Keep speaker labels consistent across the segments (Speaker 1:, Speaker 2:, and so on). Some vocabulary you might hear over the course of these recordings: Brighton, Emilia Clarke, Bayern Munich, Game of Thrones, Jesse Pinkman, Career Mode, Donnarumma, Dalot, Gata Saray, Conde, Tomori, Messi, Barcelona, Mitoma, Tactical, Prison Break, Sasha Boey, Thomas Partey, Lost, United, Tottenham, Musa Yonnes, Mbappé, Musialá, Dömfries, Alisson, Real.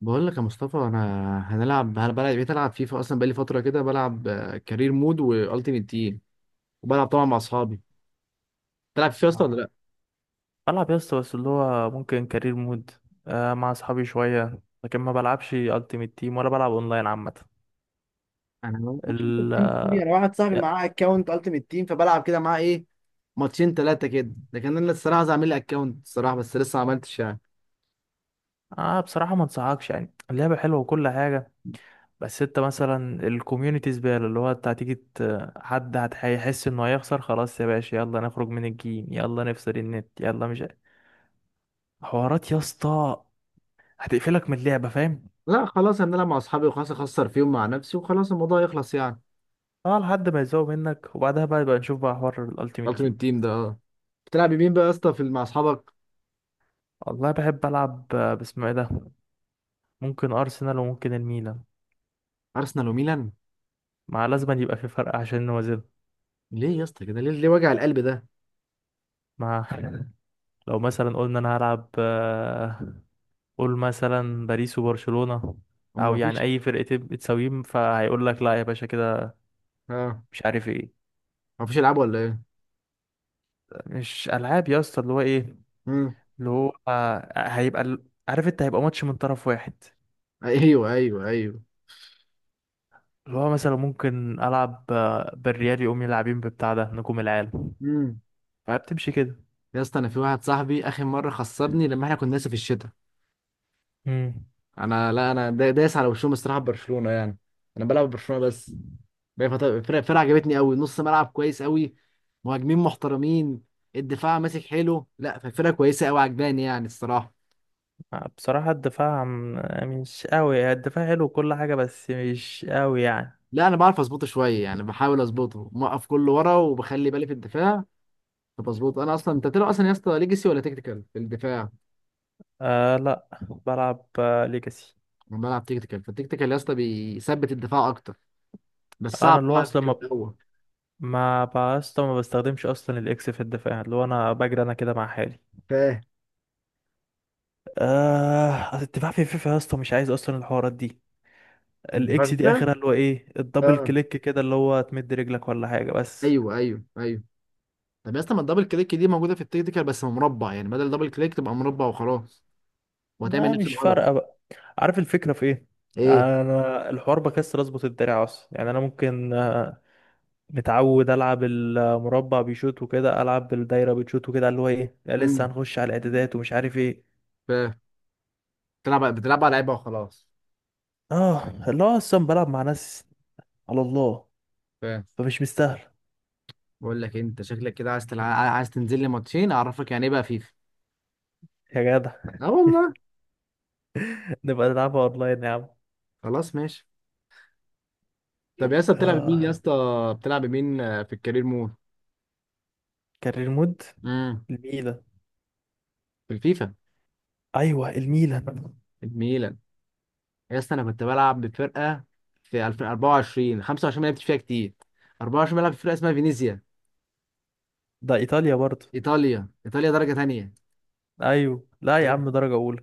Speaker 1: بقول لك يا مصطفى، انا بلعب، بقيت العب فيفا اصلا، بقالي فتره كده بلعب كارير مود والتيمت تيم، وبلعب طبعا مع اصحابي. تلعب فيفا اصلا ولا
Speaker 2: آه.
Speaker 1: لا؟
Speaker 2: بلعب يا اسطى، بس اللي هو ممكن كارير مود، آه، مع اصحابي شويه، لكن ما بلعبش التيمت تيم ولا بلعب اونلاين عامه.
Speaker 1: انا ما بعرفش انت
Speaker 2: ال
Speaker 1: بتنزل دي. انا واحد صاحبي
Speaker 2: يا-
Speaker 1: معاه اكونت التيمت تيم فبلعب كده معاه ايه، ماتشين ثلاثه كده. لكن انا الصراحه عايز اعمل لي اكونت الصراحه، بس لسه ما عملتش يعني.
Speaker 2: آه، بصراحه ما انصحكش، يعني اللعبه حلوه وكل حاجه، بس انت مثلا الكوميونتي زباله، اللي هو انت هتيجي هيحس انه هيخسر، خلاص يا باشا يلا نخرج من الجيم، يلا نفصل النت، يلا مش عارف. حوارات يا اسطى هتقفلك من اللعبه، فاهم؟
Speaker 1: لا خلاص، هنلعب مع اصحابي وخلاص، اخسر فيهم مع نفسي وخلاص، الموضوع يخلص يعني.
Speaker 2: اه، لحد ما يزوق منك وبعدها بقى يبقى نشوف بقى حوار الالتيمت تيم.
Speaker 1: التيمت تيم ده، اه. بتلعب مين بقى يا اسطى في مع اصحابك؟
Speaker 2: والله بحب العب، آه، باسمه ايه ده، ممكن ارسنال وممكن الميلان،
Speaker 1: ارسنال وميلان؟
Speaker 2: مع لازم أن يبقى في فرق عشان نوازن
Speaker 1: ليه يا اسطى كده؟ ليه ليه وجع القلب ده؟
Speaker 2: مع لو مثلا قلنا انا هلعب، آه، قول مثلا باريس وبرشلونة،
Speaker 1: هم
Speaker 2: او
Speaker 1: ما
Speaker 2: يعني
Speaker 1: فيش.
Speaker 2: اي فرقتين بتساويهم، فهيقول لك لا يا باشا كده،
Speaker 1: اه.
Speaker 2: مش عارف ايه.
Speaker 1: ما فيش العاب ولا ايه؟
Speaker 2: مش العاب يا اسطى، اللي هو ايه،
Speaker 1: امم.
Speaker 2: اللي هو، آه، هيبقى عارف انت، هيبقى ماتش من طرف واحد.
Speaker 1: ايوه ايوه ايوه.
Speaker 2: اللي هو مثلا ممكن العب، آه، بالريال، يقوم يلعبين ببتاع ده نجوم العالم،
Speaker 1: امم.
Speaker 2: فبتمشي
Speaker 1: يا اسطى انا في واحد صاحبي اخر مره خسرني لما احنا كنا لسه في الشتاء.
Speaker 2: كده.
Speaker 1: انا لا انا دا- دايس على وشهم الصراحه، برشلونه يعني. انا بلعب برشلونه بس. بقى الفرقه عجبتني قوي، نص ملعب كويس قوي، مهاجمين محترمين، الدفاع ماسك حلو، لا فالفرقه كويسه قوي عجباني يعني الصراحه.
Speaker 2: بصراحة مش قوي، الدفاع حلو كل حاجة بس مش قوي يعني.
Speaker 1: لا انا بعرف اظبطه شويه يعني، بحاول اظبطه موقف كله ورا وبخلي بالي في الدفاع، فبظبطه. انا اصلا، انت بتلعب اصلا يا اسطى ليجاسي ولا تكتيكال في الدفاع؟
Speaker 2: آه لا بلعب، آه، ليجاسي.
Speaker 1: انا بلعب تكتيكال، فالتكتيكال يا اسطى بيثبت الدفاع اكتر، بس
Speaker 2: انا
Speaker 1: صعب
Speaker 2: اللي هو
Speaker 1: تعرف
Speaker 2: اصلا
Speaker 1: في
Speaker 2: ما
Speaker 1: الاول.
Speaker 2: ما بسطا ما بستخدمش اصلا الاكس في الدفاع، اللي هو انا بجري انا كده مع حالي.
Speaker 1: فاهم.
Speaker 2: آه، أصل الدفاع في فيفا يا اسطى مش عايز اصلا الحوارات دي،
Speaker 1: الدفاع في
Speaker 2: الاكس دي
Speaker 1: السهل.
Speaker 2: اخرها اللي هو ايه الدبل
Speaker 1: اه.
Speaker 2: كليك كده، اللي هو تمد رجلك ولا حاجة بس.
Speaker 1: ايوه ايوه ايوه. طب يا اسطى، ما الدبل كليك دي موجوده في التكتيكال بس مربع، يعني بدل دبل كليك تبقى مربع وخلاص، وهتعمل
Speaker 2: ما
Speaker 1: نفس
Speaker 2: مش
Speaker 1: الغرض.
Speaker 2: فارقة بقى، عارف الفكرة في ايه؟
Speaker 1: ايه.
Speaker 2: انا الحوار بكسر اظبط الدراع اصلا، يعني انا ممكن، آه، متعود العب المربع بيشوط وكده، العب بالدايره بتشوط وكده، اللي هو ايه لا لسه
Speaker 1: امم.
Speaker 2: هنخش على الاعدادات ومش عارف ايه.
Speaker 1: فاهم. بتلعب على لعيبه وخلاص.
Speaker 2: اه، اللي هو اصلا بلعب مع ناس، على الله،
Speaker 1: فاهم.
Speaker 2: فمش مستاهل.
Speaker 1: بقول لك إيه، انت شكلك كده عايز تنزل لي ماتشين اعرفك يعني ايه بقى فيفا.
Speaker 2: يا جدع
Speaker 1: اه والله.
Speaker 2: نبقى نلعبها اونلاين يا عم.
Speaker 1: خلاص ماشي. طب يا اسطى،
Speaker 2: اه.
Speaker 1: بتلعب مين في الكارير مود؟
Speaker 2: كارير مود.
Speaker 1: امم.
Speaker 2: الميلان.
Speaker 1: في الفيفا.
Speaker 2: ايوه الميلان.
Speaker 1: الميلان. يا اسطى انا كنت بلعب بفرقه في 2024 25، ما لعبتش فيها كتير. 24 بلعب في فرقه اسمها فينيسيا.
Speaker 2: ده ايطاليا برضه.
Speaker 1: ايطاليا، ايطاليا درجه تانية.
Speaker 2: ايوه لا يا عم درجه اولى.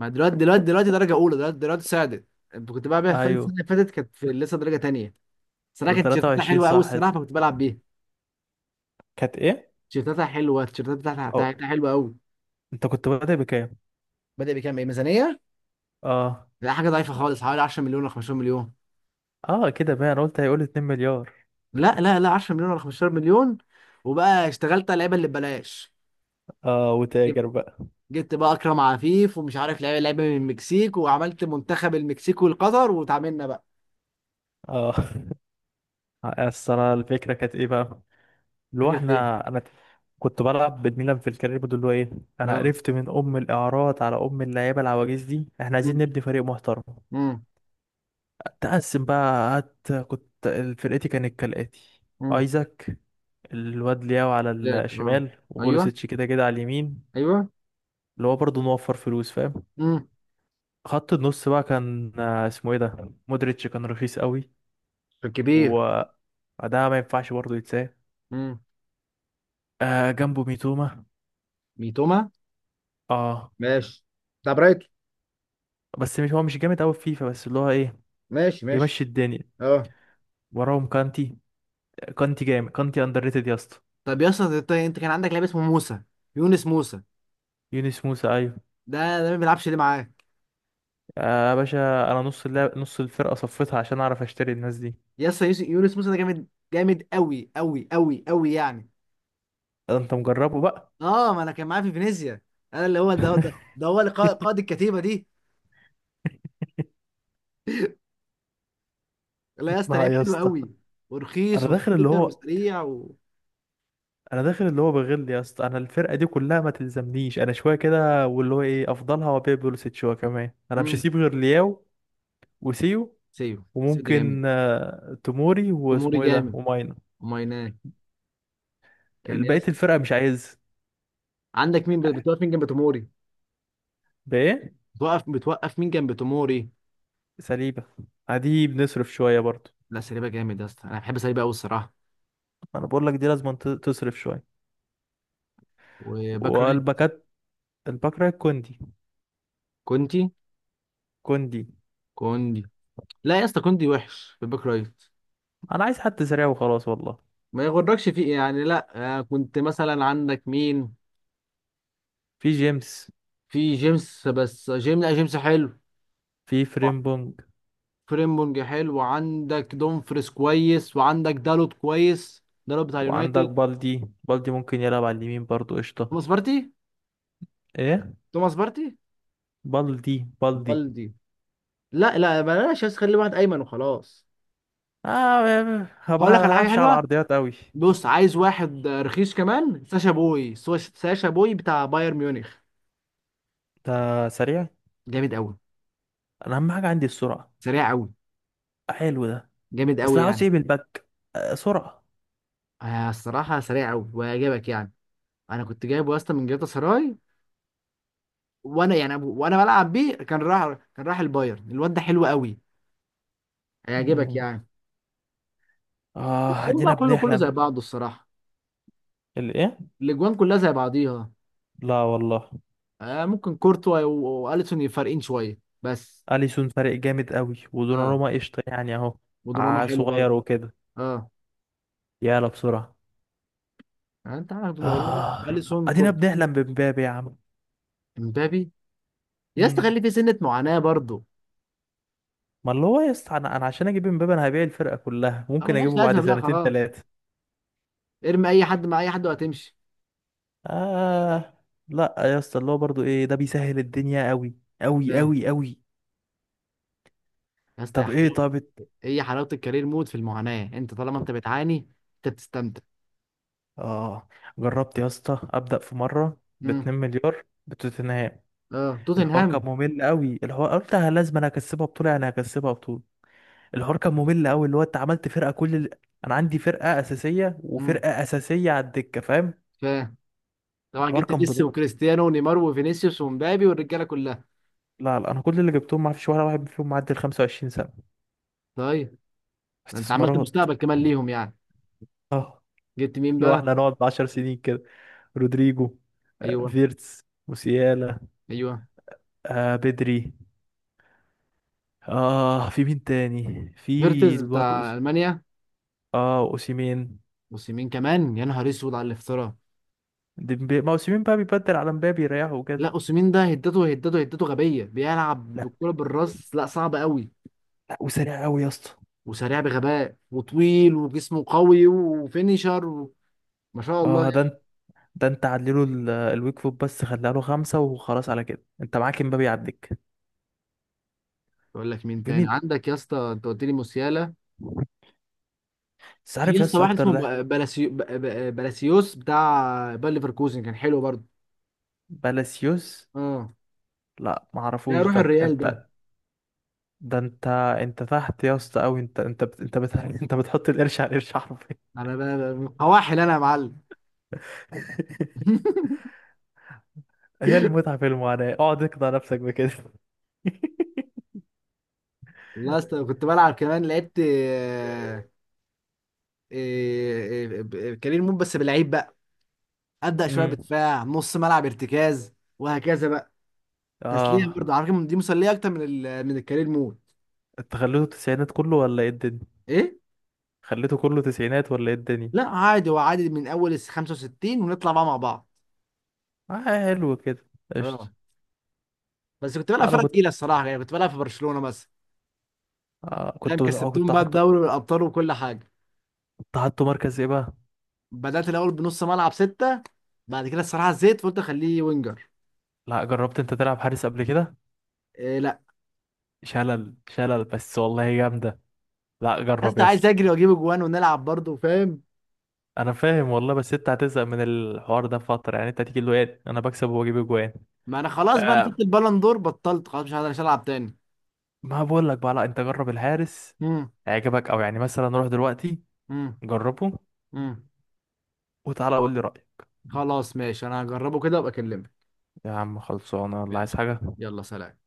Speaker 1: ما دلوقتي درجه اولى، دلوقتي صعدت. كنت بلعب بيها فين،
Speaker 2: ايوه.
Speaker 1: السنه اللي فاتت كانت في لسه درجه تانية. صراحه
Speaker 2: ده
Speaker 1: كانت تيشيرتاتها
Speaker 2: 23
Speaker 1: حلوه قوي
Speaker 2: صح؟
Speaker 1: الصراحه، فكنت بلعب بيها.
Speaker 2: كانت ايه؟
Speaker 1: تيشيرتاتها حلوه، التيشيرتات بتاعتها
Speaker 2: اه.
Speaker 1: بتاعتها حلوه قوي.
Speaker 2: انت كنت بادئ بكام؟
Speaker 1: بادئ بكام؟ ايه، ميزانيه؟
Speaker 2: اه.
Speaker 1: لا حاجه ضعيفه خالص، حوالي 10 مليون ولا 15 مليون.
Speaker 2: اه كده بقى، انا قلت هيقول 2 مليار.
Speaker 1: لا لا لا، 10 مليون ولا 15 مليون. وبقى اشتغلت على اللعيبه اللي ببلاش.
Speaker 2: اه وتاجر بقى.
Speaker 1: جبت بقى اكرم عفيف ومش عارف، لعيبه لعيبه من المكسيك، وعملت منتخب المكسيك والقطر وتعاملنا بقى.
Speaker 2: اه اصل انا الفكره كانت ايه بقى، اللي هو
Speaker 1: فكره ايه؟
Speaker 2: احنا انا كنت بلعب بالميلان في الكارير بود، اللي هو ايه، انا
Speaker 1: اه.
Speaker 2: قرفت من ام الاعارات على ام اللعيبه العواجيز دي، احنا عايزين
Speaker 1: امم.
Speaker 2: نبني فريق محترم.
Speaker 1: امم.
Speaker 2: تقسم بقى قعدت كنت، فرقتي كانت كالاتي:
Speaker 1: امم.
Speaker 2: ايزاك، الواد لياو على
Speaker 1: ذاك، اه.
Speaker 2: الشمال،
Speaker 1: ايوه.
Speaker 2: وبوليسيتش كده كده على اليمين،
Speaker 1: ايوه.
Speaker 2: اللي هو برضه نوفر فلوس، فاهم.
Speaker 1: امم.
Speaker 2: خط النص بقى كان، آه، اسمه ايه ده، مودريتش، كان رخيص قوي.
Speaker 1: الكبير.
Speaker 2: وده ما ينفعش برضه يتساه،
Speaker 1: امم.
Speaker 2: آه، جنبه ميتوما.
Speaker 1: ميتوما.
Speaker 2: اه،
Speaker 1: ماشي. بتاع برايتون.
Speaker 2: بس مش هو مش جامد قوي في فيفا، بس اللي هو ايه
Speaker 1: ماشي ماشي.
Speaker 2: يمشي الدنيا.
Speaker 1: اه.
Speaker 2: وراهم كانتي، كانتي جامد، كانتي اندر ريتد يا اسطى.
Speaker 1: طب يا اسطى، انت كان عندك لعيب اسمه موسى، يونس موسى.
Speaker 2: يونس موسى، ايوه.
Speaker 1: ده ما بيلعبش ليه معاك؟
Speaker 2: يا باشا انا نص اللعب نص الفرقه صفيتها عشان اعرف اشتري الناس دي.
Speaker 1: يا اسطى، يونس موسى ده جامد، جامد قوي قوي قوي قوي يعني.
Speaker 2: ده انت مجربه بقى.
Speaker 1: اه، ما انا كان معاه في فينيسيا. انا اللي هو، ده هو اللي قائد الكتيبه دي. لا يا اسطى،
Speaker 2: ما
Speaker 1: لعيب
Speaker 2: يا
Speaker 1: حلو
Speaker 2: اسطى،
Speaker 1: قوي،
Speaker 2: انا
Speaker 1: ورخيص
Speaker 2: داخل اللي
Speaker 1: وصغير
Speaker 2: هو،
Speaker 1: وسريع و...
Speaker 2: انا داخل اللي هو بغل يا اسطى، انا الفرقه دي كلها ما تلزمنيش، انا شويه كده واللي هو ايه افضلها، وابيع بوليسيتش شويه كمان، انا مش
Speaker 1: امم.
Speaker 2: هسيب غير لياو وسيو،
Speaker 1: سيو. سيو ده جامد.
Speaker 2: وممكن، آه، توموري
Speaker 1: توموري
Speaker 2: واسمه ايه ده
Speaker 1: جامد.
Speaker 2: وماينا.
Speaker 1: ومايناه. كان يا
Speaker 2: بقيه
Speaker 1: اسطى،
Speaker 2: الفرقه مش عايز.
Speaker 1: عندك مين بتوقف مين جنب توموري؟
Speaker 2: بايه؟
Speaker 1: بتوقف مين جنب توموري؟
Speaker 2: سليبة، عادي بنصرف شوية برضو.
Speaker 1: لا سليبه جامد يا اسطى، انا بحب سليبه قوي الصراحه.
Speaker 2: أنا بقول لك دي لازم تصرف شوية.
Speaker 1: وباك رايت.
Speaker 2: والباكات، الباك رايت كوندي.
Speaker 1: كونتي.
Speaker 2: كوندي.
Speaker 1: كوندي. لا يا اسطى، كوندي وحش في الباك رايت،
Speaker 2: أنا عايز حد سريع وخلاص والله.
Speaker 1: ما يغركش فيه يعني، لا. كنت مثلا عندك مين؟
Speaker 2: في جيمس.
Speaker 1: في جيمس، بس جيمس، لا جيمس حلو.
Speaker 2: في فريمبونج.
Speaker 1: فريمبونج حلو، وعندك دومفريس كويس، وعندك دالوت كويس، دالوت بتاع
Speaker 2: وعندك
Speaker 1: اليونايتد.
Speaker 2: بالدي، بالدي ممكن يلعب على اليمين برضو، قشطة.
Speaker 1: توماس بارتي.
Speaker 2: إيه؟
Speaker 1: توماس بارتي.
Speaker 2: بالدي بالدي.
Speaker 1: بالدي. لا لا بلاش، بس خلي واحد ايمن وخلاص.
Speaker 2: آه، ما
Speaker 1: هقول لك على حاجه
Speaker 2: بعرفش على
Speaker 1: حلوه.
Speaker 2: العرضيات أوي.
Speaker 1: بص، عايز واحد رخيص كمان، ساشا بوي بتاع بايرن ميونخ.
Speaker 2: ده سريع.
Speaker 1: جامد قوي.
Speaker 2: أنا أهم حاجة عندي السرعة.
Speaker 1: سريع قوي.
Speaker 2: حلو ده.
Speaker 1: جامد
Speaker 2: أصل
Speaker 1: قوي
Speaker 2: عاوز
Speaker 1: يعني.
Speaker 2: إيه بالباك، آه، سرعة.
Speaker 1: الصراحه سريع قوي وهيعجبك يعني. انا كنت جايبه اصلا من جاتا سراي، وانا يعني، بلعب بيه، كان راح البايرن، الواد ده حلو قوي، هيعجبك
Speaker 2: مم.
Speaker 1: يعني.
Speaker 2: آه
Speaker 1: الجون
Speaker 2: أدينا
Speaker 1: بقى كله، كله زي
Speaker 2: بنحلم.
Speaker 1: بعضه الصراحه.
Speaker 2: الإيه؟
Speaker 1: الاجوان كلها زي بعضيها.
Speaker 2: لا والله.
Speaker 1: ممكن كورتوا واليسون فارقين شويه بس.
Speaker 2: اليسون فارق جامد قوي،
Speaker 1: اه،
Speaker 2: ودوناروما قشطه يعني اهو.
Speaker 1: ودوناروما حلو
Speaker 2: صغير
Speaker 1: برضه.
Speaker 2: وكده.
Speaker 1: اه.
Speaker 2: يلا بسرعه.
Speaker 1: يعني انت عندك دوناروما،
Speaker 2: آه.
Speaker 1: اليسون،
Speaker 2: ادينا
Speaker 1: كورتوا.
Speaker 2: بنحلم بمبابي يا عم.
Speaker 1: امبابي. يا اسطى
Speaker 2: مم.
Speaker 1: خلي في سنه معاناه برضه.
Speaker 2: ما اللي هو يا اسطى، انا عشان اجيب مبابي انا هبيع الفرقه كلها،
Speaker 1: اه
Speaker 2: ممكن
Speaker 1: ملهاش
Speaker 2: اجيبه بعد
Speaker 1: لازمه بقى،
Speaker 2: سنتين
Speaker 1: خلاص،
Speaker 2: ثلاثه.
Speaker 1: ارمي اي حد مع اي حد وهتمشي.
Speaker 2: آه. لا يا اسطى اللي هو برضو ايه ده بيسهل الدنيا قوي، قوي
Speaker 1: فاهم.
Speaker 2: قوي قوي.
Speaker 1: يا اسطى يا
Speaker 2: طب ايه
Speaker 1: حلاوه.
Speaker 2: طب
Speaker 1: هي حلاوه الكارير مود في المعاناه، انت طالما انت بتعاني انت بتستمتع.
Speaker 2: اه جربت يا اسطى ابدا في مره ب 2
Speaker 1: امم.
Speaker 2: مليار بتوتنهام.
Speaker 1: اه،
Speaker 2: الحوار كان
Speaker 1: توتنهام.
Speaker 2: ممل قوي، الحوار قلت أنا لازم، انا هكسبها بطوله يعني هكسبها بطوله. الحوار كان ممل قوي، اللي هو انت عملت فرقه انا عندي فرقه اساسيه
Speaker 1: امم.
Speaker 2: وفرقه اساسيه على الدكه، فاهم.
Speaker 1: فاهم. طبعا
Speaker 2: الحوار
Speaker 1: جبت
Speaker 2: كان
Speaker 1: ميسي
Speaker 2: بضغط.
Speaker 1: وكريستيانو ونيمار وفينيسيوس ومبابي والرجاله كلها.
Speaker 2: لا لا، انا كل اللي جبتهم ما فيش ولا واحد فيهم معدي ال 25 سنه.
Speaker 1: طيب. انت عملت
Speaker 2: استثمارات.
Speaker 1: مستقبل كمان ليهم يعني.
Speaker 2: اه.
Speaker 1: جبت مين
Speaker 2: لو
Speaker 1: بقى؟
Speaker 2: احنا هنقعد 10 سنين كده. رودريجو. آه،
Speaker 1: ايوه.
Speaker 2: فيرتس. موسيالا.
Speaker 1: ايوه.
Speaker 2: آه بدري. اه في مين تاني، في
Speaker 1: فيرتز
Speaker 2: الواد
Speaker 1: بتاع
Speaker 2: أوس...
Speaker 1: المانيا.
Speaker 2: اه اوسيمين.
Speaker 1: اوسيمين كمان، يا نهار اسود على الافتراء.
Speaker 2: ديمبي، ما اوسيمين بقى بيبدل على مبابي يريحه
Speaker 1: لا
Speaker 2: وكده.
Speaker 1: اوسيمين ده، هدته هدته هدته غبيه، بيلعب
Speaker 2: لا.
Speaker 1: بالكره بالراس، لا صعب قوي.
Speaker 2: لا وسريع قوي يا اسطى.
Speaker 1: وسريع بغباء وطويل وجسمه قوي وفينيشر و... ما شاء الله
Speaker 2: اه
Speaker 1: يعني.
Speaker 2: ده، ده انت عدله الويك فوت بس، خليها له خمسة وخلاص، على كده انت معاك امبابي يعديك.
Speaker 1: اقول لك مين
Speaker 2: في
Speaker 1: تاني
Speaker 2: مين؟
Speaker 1: عندك يا اسطى، انت قلت لي موسيالا.
Speaker 2: بس
Speaker 1: في
Speaker 2: عارف
Speaker 1: يا اسطى
Speaker 2: يس
Speaker 1: واحد
Speaker 2: اكتر
Speaker 1: اسمه
Speaker 2: ده.
Speaker 1: بلاسيوس بتاع باير ليفركوزن، كان حلو برضه.
Speaker 2: بالاسيوس.
Speaker 1: اه.
Speaker 2: لا ما
Speaker 1: لا
Speaker 2: اعرفوش
Speaker 1: روح
Speaker 2: ده.
Speaker 1: الريال ده.
Speaker 2: انت، ده انت، انت تحت يا اسطى قوي، انت بتحط القرش على القرش حرفيا.
Speaker 1: انا من قواحل انا يا معلم.
Speaker 2: هي المتعة في المعاناة، اقعد اقنع نفسك بكده.
Speaker 1: والله يا اسطى كنت بلعب كمان، لعبت كارير مود بس بلعيب بقى، ابدا شويه
Speaker 2: امم.
Speaker 1: بدفاع، نص ملعب، ارتكاز، وهكذا بقى. تسليه
Speaker 2: اه.
Speaker 1: برضه، على فكره دي مسليه اكتر من الكارير مود.
Speaker 2: انت خليته تسعينات كله ولا ايه الدنيا؟
Speaker 1: ايه.
Speaker 2: خليته كله تسعينات ولا ايه الدنيا؟
Speaker 1: لا عادي، هو عادي من اول ال 65 ونطلع بقى مع بعض.
Speaker 2: آه حلو كده، قشطة.
Speaker 1: اه. بس كنت بلعب
Speaker 2: انا
Speaker 1: فرقه
Speaker 2: كنت،
Speaker 1: تقيله الصراحه، يعني كنت بلعب في برشلونه مثلا.
Speaker 2: آه
Speaker 1: فاهم،
Speaker 2: كنت، آه،
Speaker 1: كسبتهم
Speaker 2: كنت
Speaker 1: بقى
Speaker 2: هحطه.
Speaker 1: الدوري والابطال وكل حاجه.
Speaker 2: حطه مركز ايه بقى؟
Speaker 1: بدات الاول بنص ملعب سته. بعد كده الصراحه زيت فقلت اخليه وينجر.
Speaker 2: لا جربت انت تلعب حارس قبل كده؟
Speaker 1: إيه، لا.
Speaker 2: شلل شلل بس والله جامده. لا جرب
Speaker 1: انت
Speaker 2: يا
Speaker 1: عايز
Speaker 2: اسطى.
Speaker 1: اجري واجيب اجوان ونلعب برضه، فاهم.
Speaker 2: انا فاهم والله، بس انت هتزهق من الحوار ده فتره، يعني انت هتيجي له ايه انا بكسب واجيب اجوان.
Speaker 1: ما انا خلاص بقى، انا
Speaker 2: آه.
Speaker 1: خدت البالون دور، بطلت خلاص، مش هقدر العب تاني.
Speaker 2: ما بقول لك بقى، لا انت جرب الحارس،
Speaker 1: امم.
Speaker 2: هيعجبك، او يعني مثلا روح دلوقتي
Speaker 1: امم.
Speaker 2: جربه
Speaker 1: امم.
Speaker 2: وتعالى قول لي رايك.
Speaker 1: خلاص ماشي، انا هجربه كده وابقى اكلمك.
Speaker 2: يا عم خلصانه ولا عايز
Speaker 1: ماشي.
Speaker 2: حاجه؟
Speaker 1: يلا سلام.